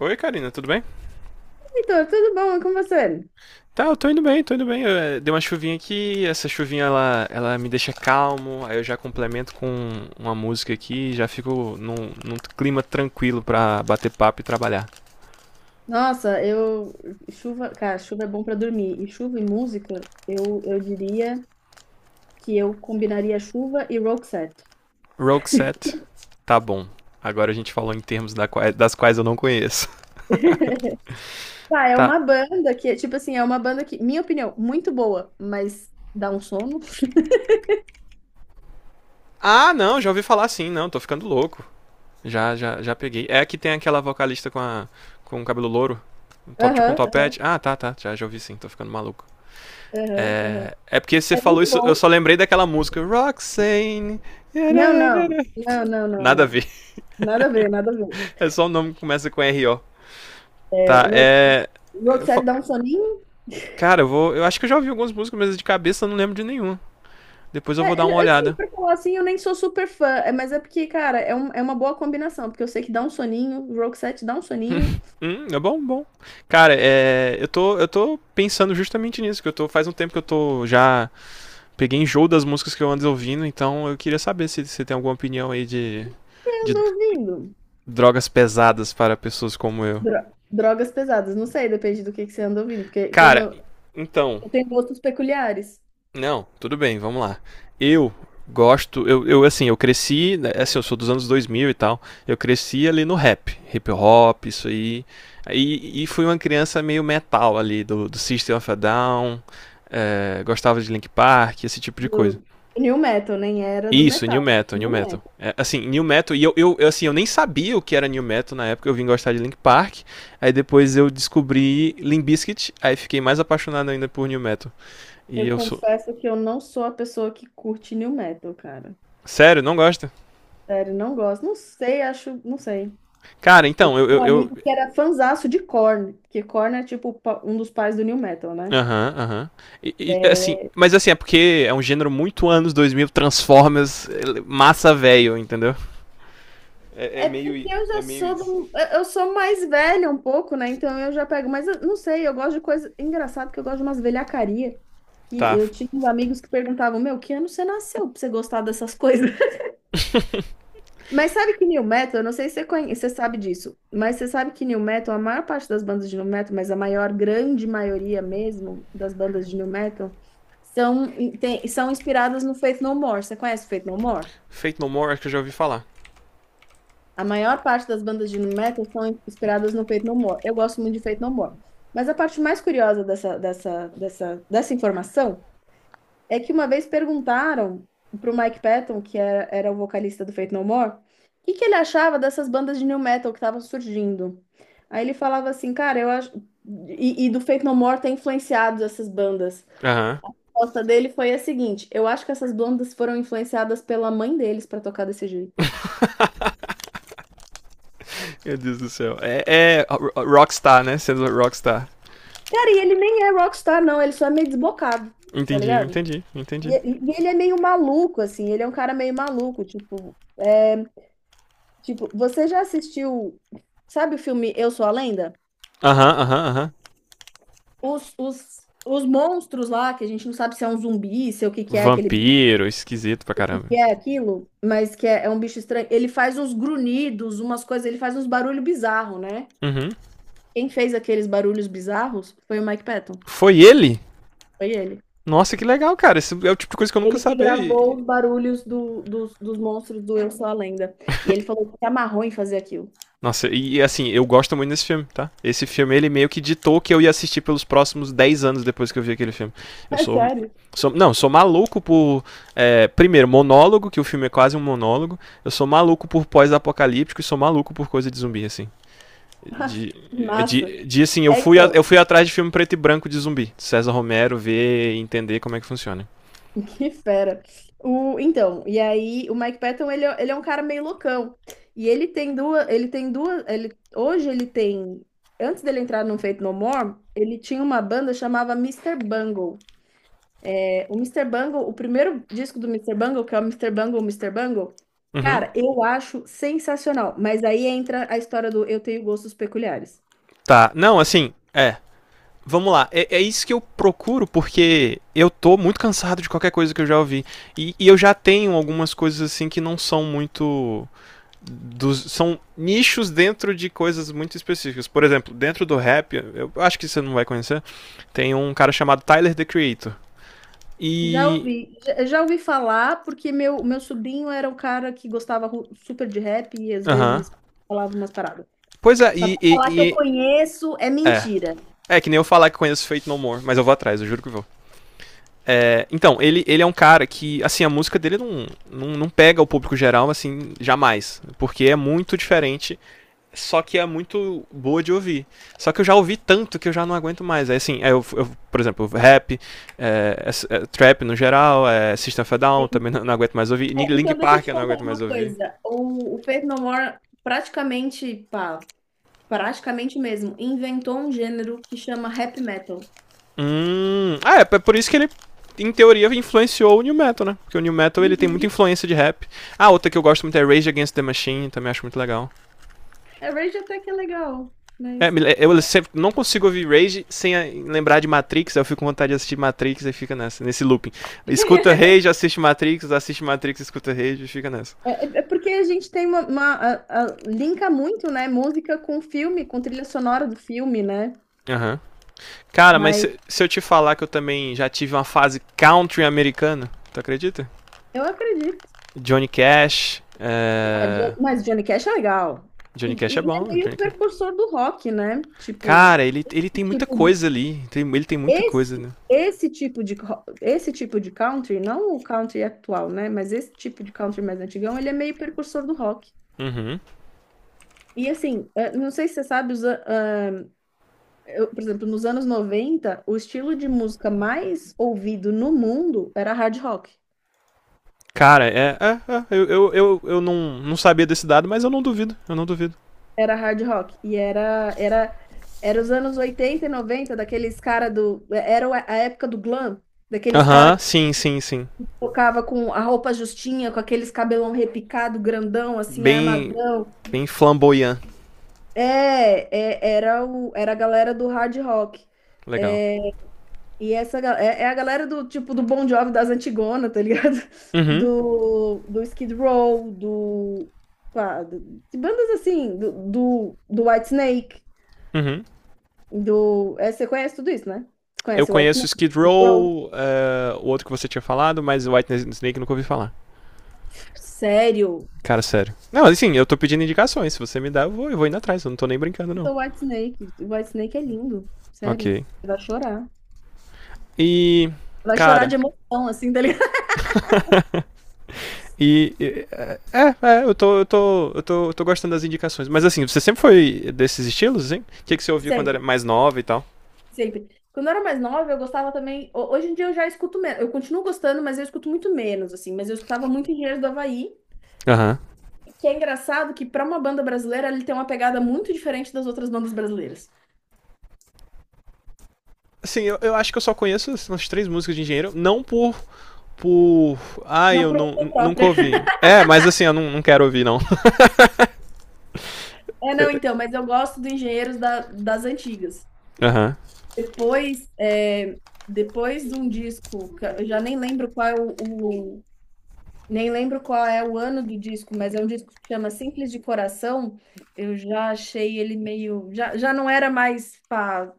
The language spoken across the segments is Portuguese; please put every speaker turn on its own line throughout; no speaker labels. Oi, Karina, tudo bem?
Heitor, tudo bom? E com você?
Tá, eu tô indo bem, tô indo bem. Eu, dei uma chuvinha aqui, essa chuvinha ela me deixa calmo, aí eu já complemento com uma música aqui, e já fico num clima tranquilo pra bater papo e trabalhar.
Nossa, eu. Chuva, cara, chuva é bom pra dormir. E chuva e música, eu diria que eu combinaria chuva e Roxette.
Roxette, tá bom. Agora a gente falou em termos das quais eu não conheço.
Tá, é
Tá.
uma banda que, é, tipo assim, é uma banda que, minha opinião, muito boa, mas dá um sono.
Ah, não, já ouvi falar sim, não, tô ficando louco. Já peguei. É que tem aquela vocalista com o cabelo louro, um top, tipo um
Aham,
topete.
aham,
Ah, tá, tá, já, já ouvi sim, tô ficando maluco.
aham, aham.
É porque você
É
falou
muito
isso, eu
bom.
só lembrei daquela música Roxane.
Não, não, não, não, não,
Nada a
não.
ver.
Nada a ver, nada a ver.
É só um nome que começa com R. RO. Tá,
É, Roxette,
é.
Roxette dá um soninho.
Cara, eu vou. Eu acho que eu já ouvi algumas músicas, mas de cabeça eu não lembro de nenhuma. Depois eu vou dar uma
Assim,
olhada.
pra falar assim, eu nem sou super fã, é, mas é porque, cara, é, é uma boa combinação, porque eu sei que dá um soninho, o Roxette dá um soninho. O
É bom, bom. Cara, é, eu tô pensando justamente nisso, que eu tô. Faz um tempo que eu tô já. Peguei enjoo das músicas que eu ando ouvindo, então eu queria saber se você tem alguma opinião aí
que eu
de
ando ouvindo?
drogas pesadas para pessoas como eu.
Drogas pesadas, não sei, depende do que você anda ouvindo, porque como
Cara,
eu,
então.
eu tenho gostos peculiares
Não, tudo bem, vamos lá. Eu gosto, eu assim, eu cresci, né, é assim, eu sou dos anos 2000 e tal, eu cresci ali no rap, hip hop, isso aí, e fui uma criança meio metal ali, do System of a Down, é, gostava de Linkin Park, esse tipo de coisa.
do New Metal, nem era do
Isso,
metal,
New
era
Metal,
do
New
New
Metal.
Metal.
É, assim, New Metal, e assim, eu nem sabia o que era New Metal na época, eu vim gostar de Linkin Park, aí depois eu descobri Limp Bizkit, aí fiquei mais apaixonado ainda por New Metal. E
Eu
eu sou...
confesso que eu não sou a pessoa que curte New Metal, cara.
Sério, não gosta?
Sério, não gosto. Não sei, acho, não sei.
Cara,
Eu
então,
tinha um amigo que era fanzaço de Korn, porque Korn é tipo um dos pais do New Metal, né?
aham, aham. Assim,
É,
mas assim, é porque é um gênero muito anos 2000, Transformers, ele- massa velho, entendeu? É, é
é porque
meio. É meio isso.
eu sou mais velha um pouco, né? Então eu já pego, mas eu não sei, eu gosto de coisa engraçado que eu gosto de umas velhacaria, que
Tá.
eu tinha uns amigos que perguntavam, meu, que ano você nasceu pra você gostar dessas coisas? Mas sabe que New Metal, eu não sei se você conhece, você sabe disso, mas você sabe que New Metal, a maior parte das bandas de New Metal, mas a maior, grande maioria mesmo das bandas de New Metal são são inspiradas no Faith No More. Você conhece o Faith No More?
Fate No More, acho que eu já ouvi falar.
A maior parte das bandas de metal são inspiradas no Faith No More. Eu gosto muito de Faith No More. Mas a parte mais curiosa dessa informação é que uma vez perguntaram para o Mike Patton, que era o vocalista do Faith No More, o que, que ele achava dessas bandas de new metal que estavam surgindo. Aí ele falava assim, cara, eu acho. E, do Faith No More ter influenciado essas bandas.
Aham.
A resposta dele foi a seguinte: eu acho que essas bandas foram influenciadas pela mãe deles para tocar desse jeito.
Meu Deus do céu. É Rockstar, né? Sendo Rockstar.
Cara, e ele nem é rockstar, não, ele só é meio desbocado, tá
Entendi,
ligado?
entendi,
E,
entendi.
e ele é meio maluco, assim, ele é um cara meio maluco, tipo, é, tipo, você já assistiu, sabe o filme Eu Sou a Lenda?
Aham, aham, aham.
Os monstros lá, que a gente não sabe se é um zumbi, se é o que que é aquele bicho,
Vampiro, esquisito pra
o que
caramba.
que é aquilo, mas que é, é um bicho estranho, ele faz uns grunhidos, umas coisas, ele faz uns barulhos bizarros, né?
Uhum.
Quem fez aqueles barulhos bizarros foi o Mike Patton,
Foi ele?
foi ele.
Nossa, que legal, cara. Esse é o tipo de coisa que eu nunca
Ele que
sabia. E-
gravou os barulhos dos monstros do Eu Sou a Lenda. E ele falou que se amarrou em fazer aquilo.
Nossa, e assim, eu gosto muito desse filme, tá? Esse filme, ele meio que ditou que eu ia assistir pelos próximos 10 anos depois que eu vi aquele filme. Eu
É
sou.
sério?
Sou não, sou maluco por. É, primeiro, monólogo, que o filme é quase um monólogo. Eu sou maluco por pós-apocalíptico e sou maluco por coisa de zumbi, assim. De, é
Massa.
de assim,
É, então,
eu fui atrás de filme preto e branco de zumbi. César Romero, ver e entender como é que funciona.
que fera. Então, e aí o Mike Patton, ele é um cara meio loucão. E ele tem duas, ele tem duas, ele, antes dele entrar no Faith No More, ele tinha uma banda chamava Mister Bungle. O Mister Bungle, o primeiro disco do Mister Bungle, que é o Mister Bungle, Mister Bungle,
Uhum.
cara, eu acho sensacional. Mas aí entra a história do eu tenho gostos peculiares.
Tá, não, assim, é. Vamos lá, é, é isso que eu procuro, porque eu tô muito cansado de qualquer coisa que eu já ouvi. E eu já tenho algumas coisas assim que não são muito. Dos, são nichos dentro de coisas muito específicas. Por exemplo, dentro do rap, eu acho que você não vai conhecer, tem um cara chamado Tyler The Creator.
Já
E.
ouvi, já, já ouvi falar, porque meu sobrinho era um cara que gostava super de rap e às
Aham.
vezes
Uhum.
falava umas paradas.
Pois é,
Mas pra falar que eu conheço é
é.
mentira.
É que nem eu falar que conheço Faith No More, mas eu vou atrás, eu juro que vou. É, então, ele é um cara que, assim, a música dele não, não, não pega o público geral, assim, jamais. Porque é muito diferente, só que é muito boa de ouvir. Só que eu já ouvi tanto que eu já não aguento mais. É assim, é, eu, por exemplo, rap, é, é, é, trap no geral, é, System of a Down também não, não aguento mais ouvir.
É,
Linkin
então, deixa eu
Park
te
eu não
contar
aguento
uma
mais ouvir.
coisa. O Faith No More praticamente, pá, praticamente mesmo, inventou um gênero que chama rap metal.
Ah, é, é por isso que ele em teoria influenciou o New Metal, né? Porque o New Metal ele tem muita influência de rap. Ah, outra que eu gosto muito é Rage Against the Machine, também acho muito legal.
É Rage até que é legal,
É,
mas.
eu sempre não consigo ouvir Rage sem lembrar de Matrix, eu fico com vontade de assistir Matrix e fica nessa, nesse looping. Escuta Rage, assiste Matrix, escuta Rage e fica nessa.
É, é porque a gente tem uma, linka muito, né? Música com filme, com trilha sonora do filme, né?
Uhum. Cara, mas
Mas
se, eu te falar que eu também já tive uma fase country americana, tu acredita?
eu acredito.
Johnny Cash,
Ah,
é...
Mas Johnny Cash é legal.
Johnny Cash é
E
bom,
é
Johnny
meio
Cash.
precursor do rock, né? Tipo,
Cara, ele
esse
tem muita
tipo de,
coisa ali, tem, ele tem muita coisa,
esse,
né?
esse tipo de, esse tipo de country, não o country atual, né? Mas esse tipo de country mais antigão, ele é meio precursor do rock.
Uhum.
E assim, eh, não sei se você sabe, eu, por exemplo, nos anos 90, o estilo de música mais ouvido no mundo era hard rock.
Cara, é, é, é eu não, não sabia desse dado, mas eu não duvido, eu não duvido.
Era hard rock. E era, era, era os anos 80 e 90, daqueles cara do. Era a época do glam, daqueles cara
Aham,
que
sim, sim, sim.
tocava com a roupa justinha, com aqueles cabelão repicado, grandão, assim,
Bem,
armadão.
bem flamboyant.
É, é, era, o, era a galera do hard rock.
Legal.
É, e essa é, é a galera do tipo do Bon Jovi das Antigona, tá ligado?
Uhum,
Do, do Skid Row, do, pá, do- de bandas assim, do, do, do Whitesnake,
uhum.
do. É, você conhece tudo isso, né? Você
Eu
conhece o
conheço
Whitesnake?
Skid
Skid Row?
Row, o outro que você tinha falado, mas White Snake eu nunca ouvi falar.
Sério?
Cara, sério. Não, assim, eu tô pedindo indicações. Se você me dá, eu vou indo atrás. Eu não tô nem brincando, não.
Então, Whitesnake. O Whitesnake é lindo. Sério.
Ok.
Você vai chorar.
E,
Vai chorar
cara,
de emoção, assim, tá ligado?
e... é, é, eu tô gostando das indicações. Mas assim, você sempre foi desses estilos, hein? O que, que você ouvia quando era
Sempre,
mais nova e tal?
sempre. Quando eu era mais nova, eu gostava também. Hoje em dia eu já escuto menos. Eu continuo gostando, mas eu escuto muito menos, assim. Mas eu escutava muito Engenheiros do Havaí.
Aham.
Que é engraçado que para uma banda brasileira ele tem uma pegada muito diferente das outras bandas brasileiras.
Assim, eu acho que eu só conheço umas três músicas de engenheiro, não por. Por. Ai,
Não
eu
por
não,
opção
nunca
própria.
ouvi. É, mas assim, eu não, não quero ouvir, não.
É, não, então, mas eu gosto do Engenheiros das antigas.
Aham. uhum.
Depois, é, depois de um disco, que eu já nem lembro qual é nem lembro qual é o ano do disco, mas é um disco que chama Simples de Coração. Eu já achei ele meio, já, já não era mais pá,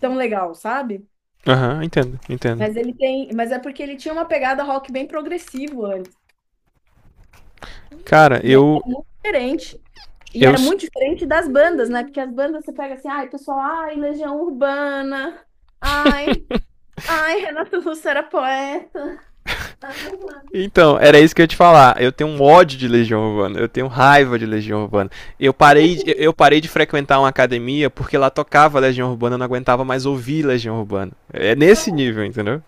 tão legal, sabe?
Aham, uhum, entendo, entendo.
Mas ele tem, mas é porque ele tinha uma pegada rock bem progressivo antes.
Cara,
E é
eu.
diferente. E
Eu.
era muito diferente das bandas, né? Porque as bandas você pega assim, ai, pessoal, ai, Legião Urbana, ai, ai, Renato Russo era poeta. Ah,
Então, era isso que eu ia te falar. Eu tenho um ódio de Legião Urbana. Eu tenho raiva de Legião Urbana. Eu
só que
parei, eu parei de frequentar uma academia porque lá tocava Legião Urbana, eu não aguentava mais ouvir Legião Urbana. É nesse nível, entendeu?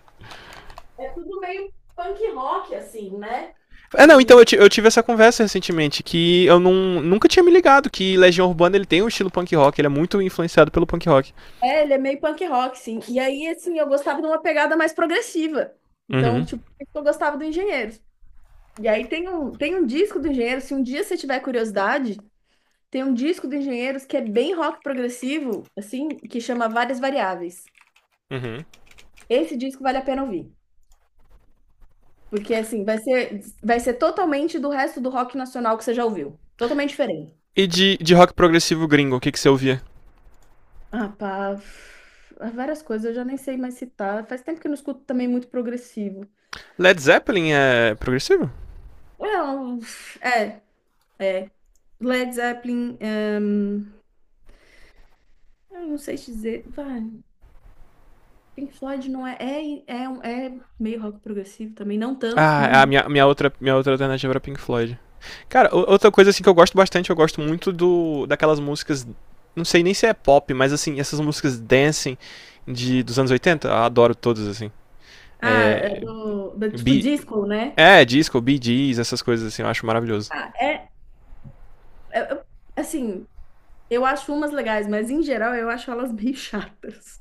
é tudo meio punk rock, assim, né?
É, não, então
E
eu tive essa conversa recentemente, que eu não, nunca tinha me ligado que Legião Urbana ele tem um estilo punk rock, ele é muito influenciado pelo punk rock.
é, ele é meio punk rock, sim. E aí, assim, eu gostava de uma pegada mais progressiva. Então,
Uhum,
tipo, por isso que eu gostava do Engenheiros. E aí tem um disco do Engenheiros, se um dia você tiver curiosidade, tem um disco do Engenheiros que é bem rock progressivo, assim, que chama Várias Variáveis.
uhum.
Esse disco vale a pena ouvir. Porque, assim, vai ser totalmente do resto do rock nacional que você já ouviu. Totalmente diferente.
E de rock progressivo gringo, o que, que você ouvia?
Ah, pá. Várias coisas, eu já nem sei mais citar. Faz tempo que eu não escuto também muito progressivo.
Led Zeppelin é progressivo?
Não, é, é. Led Zeppelin, é, eu não sei te dizer. Vai, Pink Floyd não é, é meio rock progressivo também, não tanto,
Ah,
não.
a minha, minha outra alternativa era Pink Floyd. Cara, outra coisa assim que eu gosto bastante, eu gosto muito do daquelas músicas, não sei nem se é pop, mas assim, essas músicas dancing de, dos anos 80, eu adoro todas, assim.
Ah, é
É,
do, do tipo
Be-
disco, né?
É, disco, Bee Gees, essas coisas assim, eu acho maravilhoso.
Ah, é, é- é- assim, eu acho umas legais, mas em geral eu acho elas bem chatas.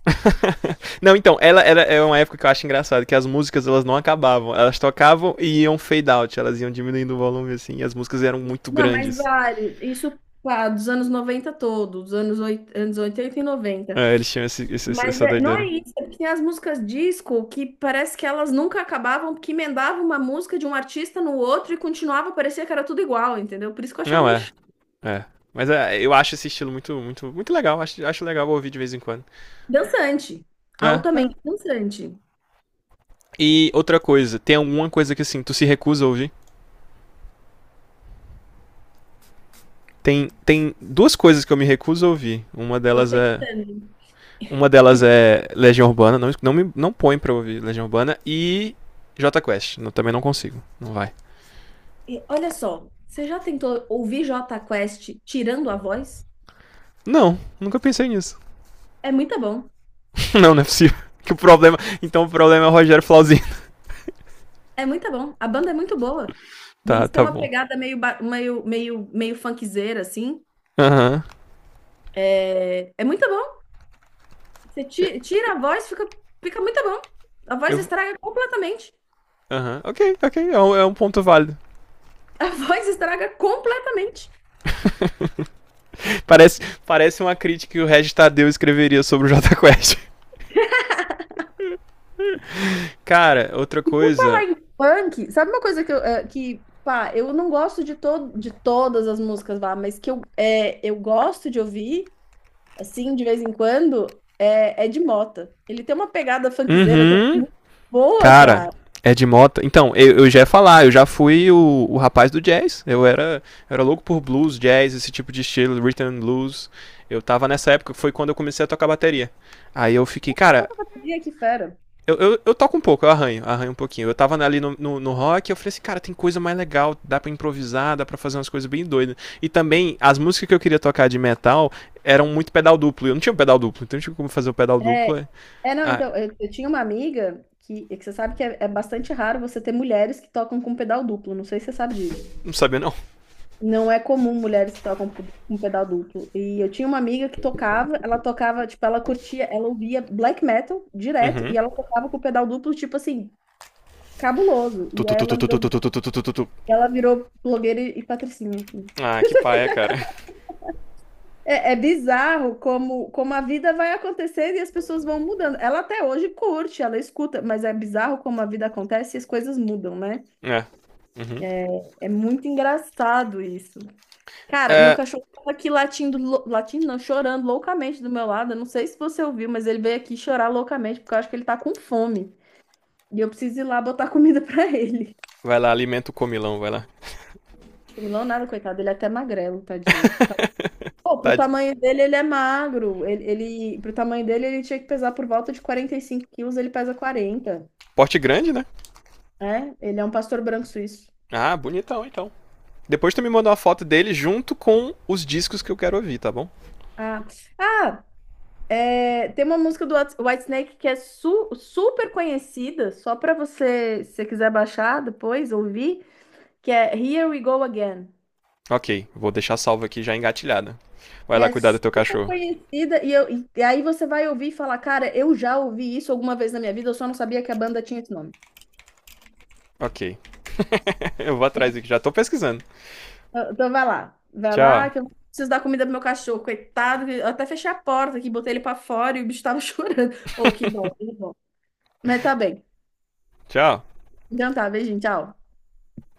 Não, então, ela era é uma época que eu acho engraçado, que as músicas elas não acabavam, elas tocavam e iam fade out, elas iam diminuindo o volume assim, e as músicas eram muito
Não, mas
grandes.
vale. Isso, pá, dos anos 90 todos, dos anos, anos 80 e 90.
É, eles tinham esse, esse-
Mas
essa
não é
doideira.
isso, é porque tem as músicas disco que parece que elas nunca acabavam, porque emendava uma música de um artista no outro e continuava, parecia que era tudo igual, entendeu? Por isso que eu achava
Não
meio
é,
chato.
é. Mas é, eu acho esse estilo muito, muito, muito legal. Acho, acho legal ouvir de vez em quando.
Dançante,
É, é.
altamente dançante.
E outra coisa, tem alguma coisa que assim, tu se recusa a ouvir? Tem duas coisas que eu me recuso a ouvir.
Tô pensando.
Uma delas é Legião Urbana, não, não, me, não põe pra ouvir Legião Urbana. E J Quest, não- também não consigo, não vai.
E olha só, você já tentou ouvir Jota Quest tirando a voz?
Não, nunca pensei nisso.
É muito bom.
não, não é possível. Que o problema. Então o problema é o Rogério Flauzino.
É muito bom. A banda é muito boa. E
Tá,
eles têm
tá
uma
bom.
pegada meio, meio funkzeira, assim.
Aham.
É, é muito bom. Você
Eu-
tira a voz, fica, fica muito bom. A voz
Eu.
estraga completamente.
Aham. Uhum. Ok, ok. É um ponto válido.
A voz estraga completamente.
Parece, parece uma crítica que o Regis Tadeu escreveria sobre o Jota Quest. Cara, outra
E por
coisa.
falar em funk, sabe uma coisa que, eu, eh, que pá, eu não gosto de, to de todas as músicas lá, mas que eu, é, eu gosto de ouvir, assim, de vez em quando, é, é de Mota. Ele tem uma pegada funkzeira também
Uhum.
muito boa,
Cara,
cara.
Ed Mota. Então, eu já ia falar, eu já fui o rapaz do jazz. Eu era louco por blues, jazz, esse tipo de estilo, rhythm and blues. Eu tava nessa época, foi quando eu comecei a tocar bateria. Aí eu fiquei, cara,
Toca bateria, que fera.
eu toco um pouco, eu arranho, arranho um pouquinho. Eu tava ali no rock, eu falei assim, cara, tem coisa mais legal, dá pra improvisar, dá pra fazer umas coisas bem doidas. E também, as músicas que eu queria tocar de metal eram muito pedal duplo. Eu não tinha um pedal duplo, então eu não tinha como fazer o pedal duplo.
É,
É-
não,
Ah,
então, eu tinha uma amiga que, é que você sabe que é, é bastante raro você ter mulheres que tocam com pedal duplo, não sei se você sabe disso.
não sabia não.
Não é comum mulheres que tocam com pedal duplo. E eu tinha uma amiga que tocava, ela tocava, tipo, ela curtia, ela ouvia black metal direto
Uhum.
e ela tocava com pedal duplo, tipo assim, cabuloso.
Tu,
E
tu,
aí
tu,
ela
tu, tu, tu, tu,
virou,
tu, tu, tu, tu, tu, tu.
ela virou blogueira e patricinha. Assim.
Ah, que paia, cara.
É, bizarro como, a vida vai acontecendo e as pessoas vão mudando. Ela até hoje curte, ela escuta, mas é bizarro como a vida acontece e as coisas mudam, né?
É.
É, é muito engraçado isso. Cara, meu
É,
cachorro tava aqui latindo, latindo não, chorando loucamente do meu lado. Eu não sei se você ouviu, mas ele veio aqui chorar loucamente, porque eu acho que ele tá com fome. E eu preciso ir lá botar comida pra ele.
vai lá, alimenta o comilão, vai lá.
Comilão nada, coitado, ele é até magrelo, tadinho. Pô, pro
Tá de
tamanho dele, ele é magro. Ele, pro tamanho dele, ele tinha que pesar por volta de 45 quilos, ele pesa 40.
porte grande, né?
É, ele é um pastor branco suíço.
Ah, bonitão, então. Depois tu me manda uma foto dele junto com os discos que eu quero ouvir, tá bom?
Ah, ah, é, tem uma música do Whitesnake que é super conhecida, só pra você, se você quiser baixar depois, ouvir, que é Here We Go Again.
Ok, vou deixar salvo aqui já engatilhada. Vai
Que
lá
é
cuidar do teu
super
cachorro.
conhecida, e, e aí você vai ouvir e falar, cara, eu já ouvi isso alguma vez na minha vida, eu só não sabia que a banda tinha esse nome.
Ok, eu vou atrás aqui, já tô pesquisando.
Então vai lá. Vai lá,
Tchau,
que eu preciso dar comida pro meu cachorro, coitado. Que Eu até fechei a porta aqui, botei ele pra fora e o bicho tava chorando. Ô, que dó, que dó. Mas tá bem.
tchau.
Então tá, beijinho, tchau.